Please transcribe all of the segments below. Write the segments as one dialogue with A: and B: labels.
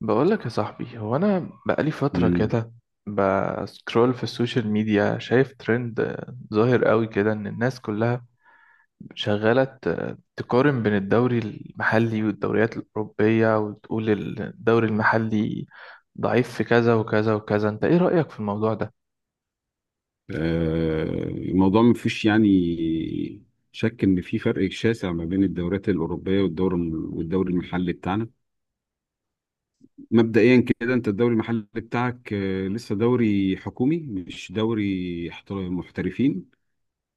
A: بقولك يا صاحبي، هو أنا بقالي فترة
B: مم.
A: كده بسكرول في السوشيال ميديا شايف ترند ظاهر قوي كده إن الناس كلها شغالة تقارن بين الدوري المحلي والدوريات الأوروبية وتقول الدوري المحلي ضعيف في كذا وكذا وكذا. أنت إيه رأيك في الموضوع ده؟
B: الموضوع ما فيش شك ان في فرق شاسع ما بين الدوريات الاوروبيه والدوري المحلي بتاعنا. مبدئيا كده انت الدوري المحلي بتاعك لسه دوري حكومي مش دوري محترفين.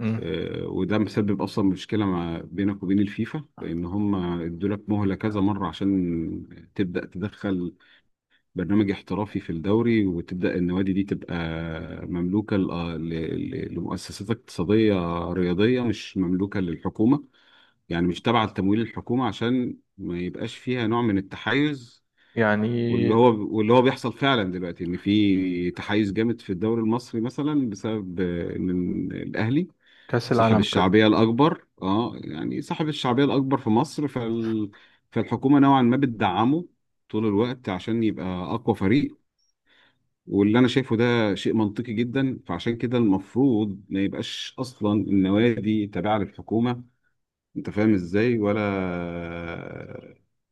A: مم.
B: وده مسبب اصلا مشكله ما بينك وبين الفيفا، لان هم ادوا لك مهله كذا مره عشان تبدا تدخل برنامج احترافي في الدوري، وتبدأ النوادي دي تبقى مملوكة لمؤسسات اقتصادية رياضية، مش مملوكة للحكومة، يعني مش تابعة لتمويل الحكومة عشان ما يبقاش فيها نوع من التحيز.
A: يعني
B: واللي هو بيحصل فعلا دلوقتي ان في تحيز جامد في الدوري المصري مثلا بسبب ان الاهلي
A: كأس
B: صاحب
A: العالم كده.
B: الشعبية الأكبر، صاحب الشعبية الأكبر في مصر، فالحكومة نوعا ما بتدعمه طول الوقت عشان يبقى أقوى فريق. واللي انا شايفه ده شيء منطقي جدا، فعشان كده المفروض ما يبقاش اصلا النوادي تابعه للحكومه، انت فاهم ازاي؟ ولا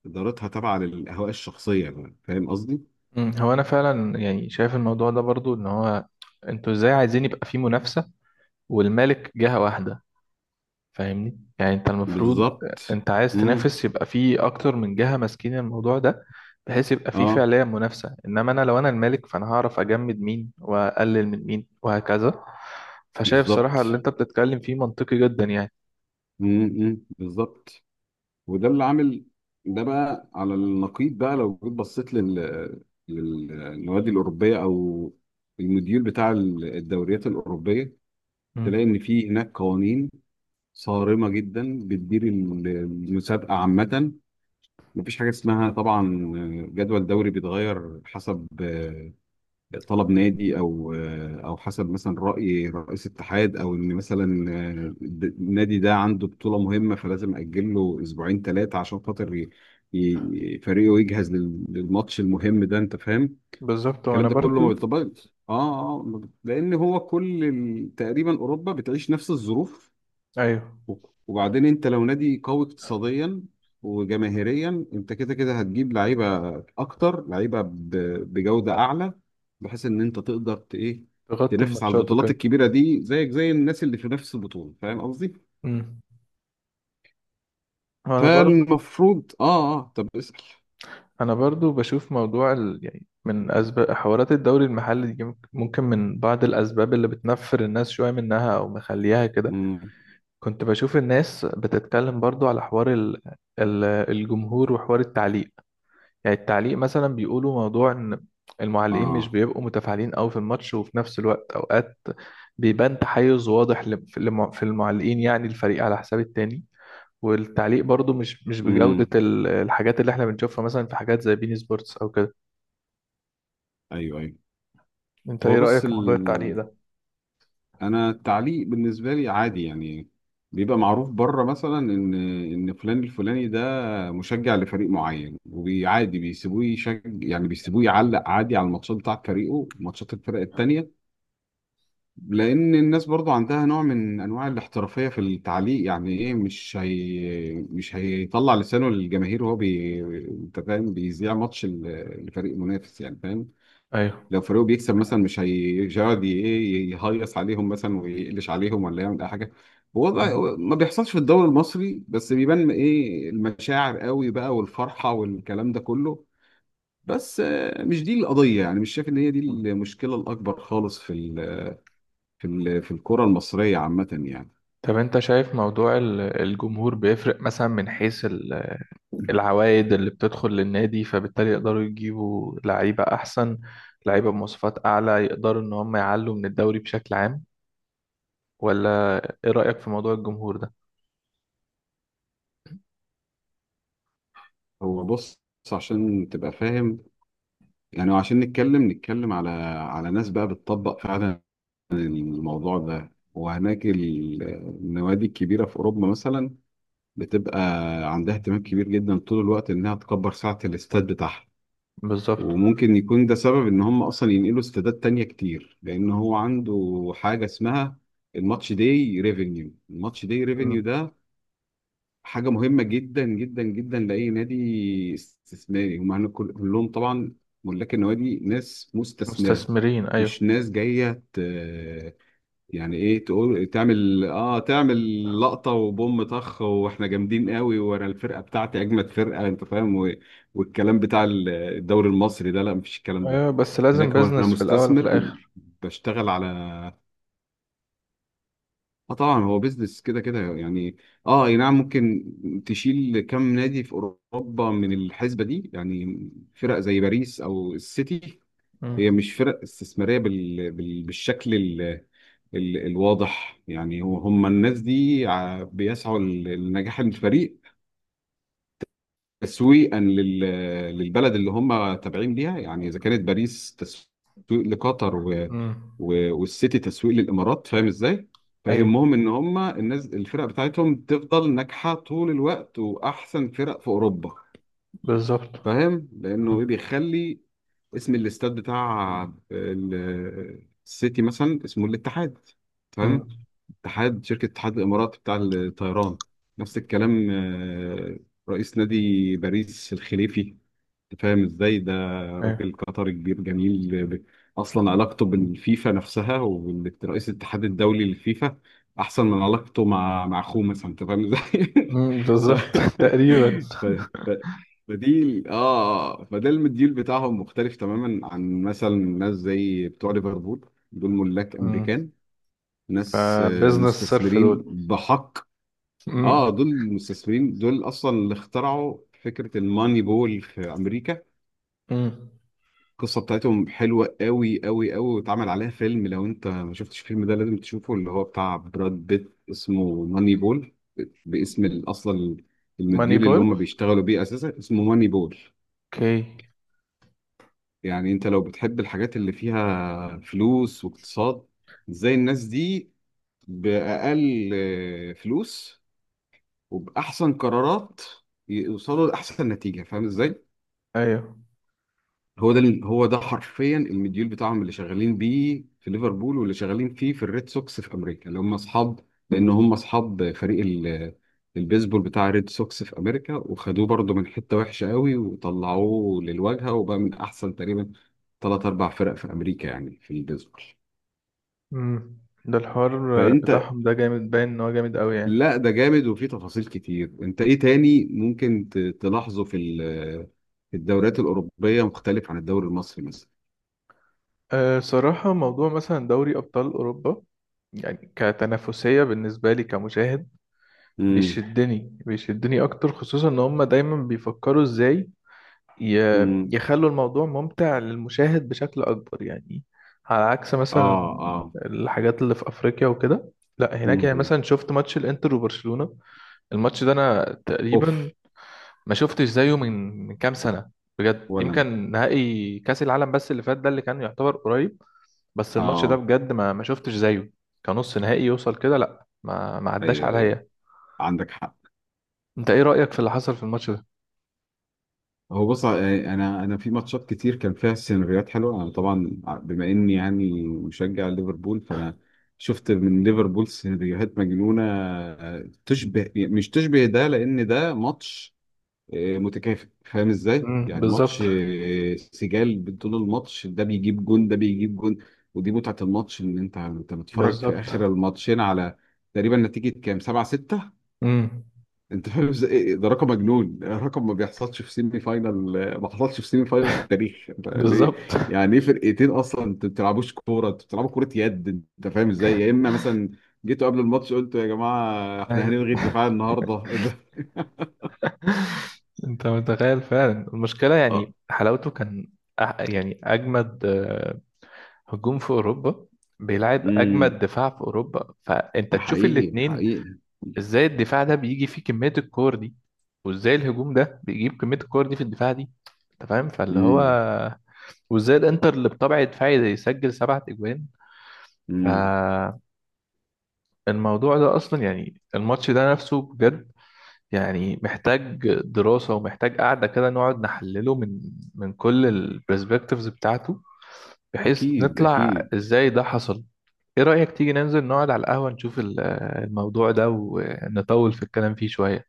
B: ادارتها تابعه للاهواء الشخصيه بقى. فاهم قصدي؟
A: هو أنا فعلا يعني شايف الموضوع ده برضو إن هو أنتوا إزاي عايزين يبقى فيه منافسة والمالك جهة واحدة؟ فاهمني يعني انت المفروض
B: بالظبط.
A: انت عايز
B: امم
A: تنافس يبقى في اكتر من جهة ماسكين الموضوع ده، بحيث يبقى في
B: اه
A: فعليا منافسة، انما انا لو انا المالك فانا هعرف اجمد مين واقلل من مين وهكذا. فشايف صراحة
B: بالظبط.
A: اللي انت بتتكلم فيه منطقي جدا يعني.
B: بالظبط. وده اللي عامل، ده بقى على النقيض بقى لو جيت بصيت للنوادي الاوروبيه او المديول بتاع الدوريات الاوروبيه، تلاقي
A: امم
B: ان في هناك قوانين صارمة جدا بتدير المسابقة عامة. مفيش حاجة اسمها طبعا جدول دوري بيتغير حسب طلب نادي، أو حسب مثلا رأي رئيس اتحاد، أو إن مثلا النادي ده عنده بطولة مهمة فلازم أجل له أسبوعين ثلاثة عشان خاطر فريقه يجهز للماتش المهم ده، أنت فاهم؟
A: بالظبط.
B: الكلام
A: وانا
B: ده كله ما
A: برضو
B: بيطبقش لأن هو كل تقريبا أوروبا بتعيش نفس الظروف.
A: ايوه
B: وبعدين انت لو نادي قوي اقتصاديا وجماهيريا، انت كده كده هتجيب لعيبه اكتر، لعيبه بجوده اعلى، بحيث ان انت تقدر ت- ايه
A: تغطي
B: تنافس على
A: الماتشات
B: البطولات
A: وكده.
B: الكبيره دي زيك زي الناس اللي في نفس البطوله، فاهم قصدي؟
A: امم. وانا برضو
B: فالمفروض طب اسال.
A: انا برضو بشوف موضوع يعني من اسباب حوارات الدوري المحلي دي، ممكن من بعض الاسباب اللي بتنفر الناس شوية منها او مخليها كده.
B: امم
A: كنت بشوف الناس بتتكلم برضو على حوار الجمهور وحوار التعليق. يعني التعليق مثلا بيقولوا موضوع ان المعلقين مش
B: اه
A: بيبقوا متفاعلين قوي في الماتش، وفي نفس الوقت اوقات بيبان تحيز واضح في المعلقين، يعني الفريق على حساب التاني. والتعليق برضو مش بجودة
B: امم
A: الحاجات اللي احنا بنشوفها مثلا في حاجات زي بين سبورتس او كده.
B: ايوه، ايوه.
A: انت
B: هو
A: ايه
B: بص
A: رأيك في موضوع التعليق ده؟
B: انا التعليق بالنسبه لي عادي يعني. بيبقى معروف بره مثلا ان فلان الفلاني ده مشجع لفريق معين، وعادي بيسيبوه يشج، يعني بيسيبوه يعلق عادي على الماتشات بتاعت فريقه، ماتشات الفرق التانية، لان الناس برضو عندها نوع من انواع الاحترافيه في التعليق. يعني ايه مش هي مش هيطلع لسانه للجماهير وهو بي، انت فاهم؟ بيذيع ماتش لفريق منافس، يعني فاهم،
A: ايوه.
B: لو فريقه بيكسب مثلا مش هيقعد ي- ايه يهيص عليهم مثلا ويقلش عليهم ولا يعمل اي حاجه.
A: مم.
B: هو ما بيحصلش في الدوري المصري، بس بيبان ايه المشاعر قوي بقى، والفرحه والكلام ده كله. بس مش دي القضيه، يعني مش شايف ان هي دي المشكله الاكبر خالص في ال في ال في الكره المصريه عامه يعني.
A: طب انت شايف موضوع الجمهور بيفرق مثلا من حيث العوائد اللي بتدخل للنادي، فبالتالي يقدروا يجيبوا لعيبة أحسن، لعيبة بمواصفات أعلى، يقدروا إن هم يعلوا من الدوري بشكل عام؟ ولا إيه رأيك في موضوع الجمهور ده؟
B: هو بص، عشان تبقى فاهم، يعني عشان نتكلم على على ناس بقى بتطبق فعلا الموضوع ده. وهناك النوادي الكبيرة في أوروبا مثلا بتبقى عندها اهتمام كبير جدا طول الوقت إنها تكبر سعة الاستاد بتاعها.
A: بالظبط.
B: وممكن يكون ده سبب إن هم أصلا ينقلوا استادات تانية كتير، لأن هو عنده حاجة اسمها الماتش داي ريفينيو. الماتش داي
A: مم.
B: ريفينيو ده حاجة مهمة جدا جدا جدا لأي نادي استثماري. هم هنا كلهم طبعا ملاك النوادي ناس مستثمرة،
A: مستثمرين أيوه.
B: مش ناس جاية يعني ايه تقول تعمل تعمل لقطة وبوم طخ، واحنا جامدين قوي وانا الفرقة بتاعتي اجمد فرقة، انت فاهم؟ والكلام بتاع الدوري المصري ده، لا مفيش الكلام ده
A: أيوه بس لازم
B: هناك. هو انا
A: بيزنس في الأول وفي
B: مستثمر
A: الآخر.
B: بشتغل على اه طبعا هو بيزنس كده كده يعني. اه اي نعم، ممكن تشيل كم نادي في اوروبا من الحسبة دي، يعني فرق زي باريس او السيتي هي
A: مم.
B: مش فرق استثمارية بالشكل الواضح يعني. هم الناس دي بيسعوا لنجاح الفريق تسويقا للبلد اللي هم تابعين ليها. يعني إذا كانت باريس تسويق لقطر
A: مم.
B: والسيتي تسويق للإمارات، فاهم إزاي؟
A: أيوه
B: فيهمهم إن هم الناس الفرق بتاعتهم تفضل ناجحة طول الوقت وأحسن فرق في أوروبا.
A: بالظبط.
B: فاهم؟ لانه ايه
A: مم.
B: بيخلي اسم الاستاد بتاع السيتي مثلا اسمه الاتحاد، تمام؟
A: مم.
B: اتحاد شركه اتحاد الامارات بتاع الطيران. نفس الكلام رئيس نادي باريس الخليفي، فاهم ازاي ده؟
A: أيوه.
B: راجل قطري كبير جميل اصلا علاقته بالفيفا نفسها ورئيس الاتحاد الدولي للفيفا احسن من علاقته مع اخوه مثلا، انت فاهم ازاي؟
A: مم.
B: ف...
A: بالظبط تقريبا.
B: ف... ف... فدي ال- اه آه، فده المديول بتاعهم مختلف تماما عن مثلا ناس زي بتوع ليفربول، دول ملاك
A: مم.
B: امريكان، ناس
A: فبيزنس صرف
B: مستثمرين
A: دول.
B: بحق.
A: مم.
B: اه دول مستثمرين، دول اصلا اللي اخترعوا فكره الماني بول في امريكا.
A: مم.
B: القصة بتاعتهم حلوة قوي قوي قوي، واتعمل عليها فيلم. لو انت ما شفتش الفيلم ده لازم تشوفه، اللي هو بتاع براد بيت، اسمه ماني بول، باسم اصلا
A: ماني
B: المديول اللي
A: بول.
B: هم بيشتغلوا بيه اساسا اسمه ماني بول.
A: أوكي.
B: يعني انت لو بتحب الحاجات اللي فيها فلوس واقتصاد، ازاي الناس دي بأقل فلوس وبأحسن قرارات يوصلوا لأحسن نتيجة، فاهم ازاي؟
A: أيوه.
B: هو ده حرفيا المديول بتاعهم، اللي شغالين بيه في ليفربول واللي شغالين فيه في الريد سوكس في امريكا، اللي هم اصحاب، لان هم اصحاب فريق البيسبول بتاع الريد سوكس في امريكا، وخدوه برضه من حته وحشه قوي وطلعوه للواجهه، وبقى من احسن تقريبا ثلاث اربع فرق في امريكا، يعني في البيسبول.
A: امم. ده الحوار
B: فانت،
A: بتاعهم ده جامد، باين ان هو جامد قوي يعني.
B: لا ده جامد وفيه تفاصيل كتير. انت ايه تاني ممكن تلاحظه في في الدوريات الاوروبيه مختلف عن الدوري المصري مثلا؟
A: أه صراحة موضوع مثلا دوري ابطال اوروبا، يعني كتنافسية بالنسبة لي كمشاهد،
B: امم
A: بيشدني بيشدني اكتر، خصوصا ان هم دايما بيفكروا ازاي
B: امم
A: يخلوا الموضوع ممتع للمشاهد بشكل اكبر يعني. على عكس مثلا
B: اه اه
A: الحاجات اللي في افريقيا وكده. لا هناك يعني
B: مم.
A: مثلا شفت ماتش الانتر وبرشلونة، الماتش ده انا تقريبا
B: اوف.
A: ما شفتش زيه من كام سنة، بجد
B: ولا.
A: يمكن نهائي كأس العالم بس اللي فات ده اللي كان يعتبر قريب. بس الماتش ده
B: اه
A: بجد ما شفتش زيه كنص نهائي يوصل كده، لا ما عداش
B: ايوه، ايوه،
A: عليا.
B: عندك حق.
A: انت ايه رأيك في اللي حصل في الماتش ده؟
B: هو بص، يعني انا في ماتشات كتير كان فيها سيناريوهات حلوه. انا طبعا بما اني يعني مشجع ليفربول، فانا شفت من ليفربول سيناريوهات مجنونه، تشبه مش تشبه ده، لان ده ماتش متكافئ، فاهم ازاي؟ يعني
A: بالظبط.
B: ماتش سجال طول الماتش، ده بيجيب جون ده بيجيب جون، ودي متعه الماتش. ان انت بتتفرج في اخر
A: بالظبط.
B: الماتشين على تقريبا نتيجه كام 7-6،
A: امم
B: انت فاهم ازاي؟ ايه ده رقم مجنون، رقم ما بيحصلش في سيمي فاينال، ما حصلش في سيمي فاينال في التاريخ. انت ليه
A: بالظبط
B: يعني ايه فرقتين اصلا، انت ما بتلعبوش كوره، انت بتلعبوا كوره يد، انت فاهم ازاي؟ يا اما مثلا جيتوا قبل الماتش قلتوا يا جماعه احنا هنلغي الدفاع النهارده. ده
A: انت متخيل فعلا المشكلة،
B: اه
A: يعني حلاوته كان يعني اجمد هجوم في اوروبا بيلعب اجمد
B: امم
A: دفاع في اوروبا، فانت
B: ده
A: تشوف
B: حقيقي
A: الاتنين،
B: حقيقي.
A: ازاي الدفاع ده بيجي فيه كمية الكور دي، وازاي الهجوم ده بيجيب كمية الكور دي في الدفاع دي. انت فاهم فاللي هو،
B: امم
A: وازاي الانتر اللي بطبع دفاعي ده يسجل 7 اجوان.
B: امم
A: فالموضوع ده اصلا يعني الماتش ده نفسه بجد، يعني محتاج دراسة ومحتاج قعدة كده نقعد نحلله من كل البرسبكتيفز بتاعته، بحيث
B: اكيد
A: نطلع
B: اكيد.
A: ازاي ده حصل. ايه رأيك تيجي ننزل نقعد على القهوة نشوف الموضوع ده ونطول في الكلام فيه شوية؟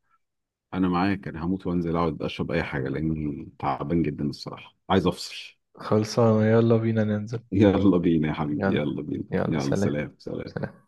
B: انا معاك، انا هموت وانزل اقعد اشرب اي حاجه لاني تعبان جدا الصراحه، عايز افصل.
A: خلصانة يلا بينا ننزل.
B: يلا بينا يا حبيبي،
A: يلا.
B: يلا بينا،
A: يلا
B: يلا
A: سلام.
B: سلام سلام.
A: سلام.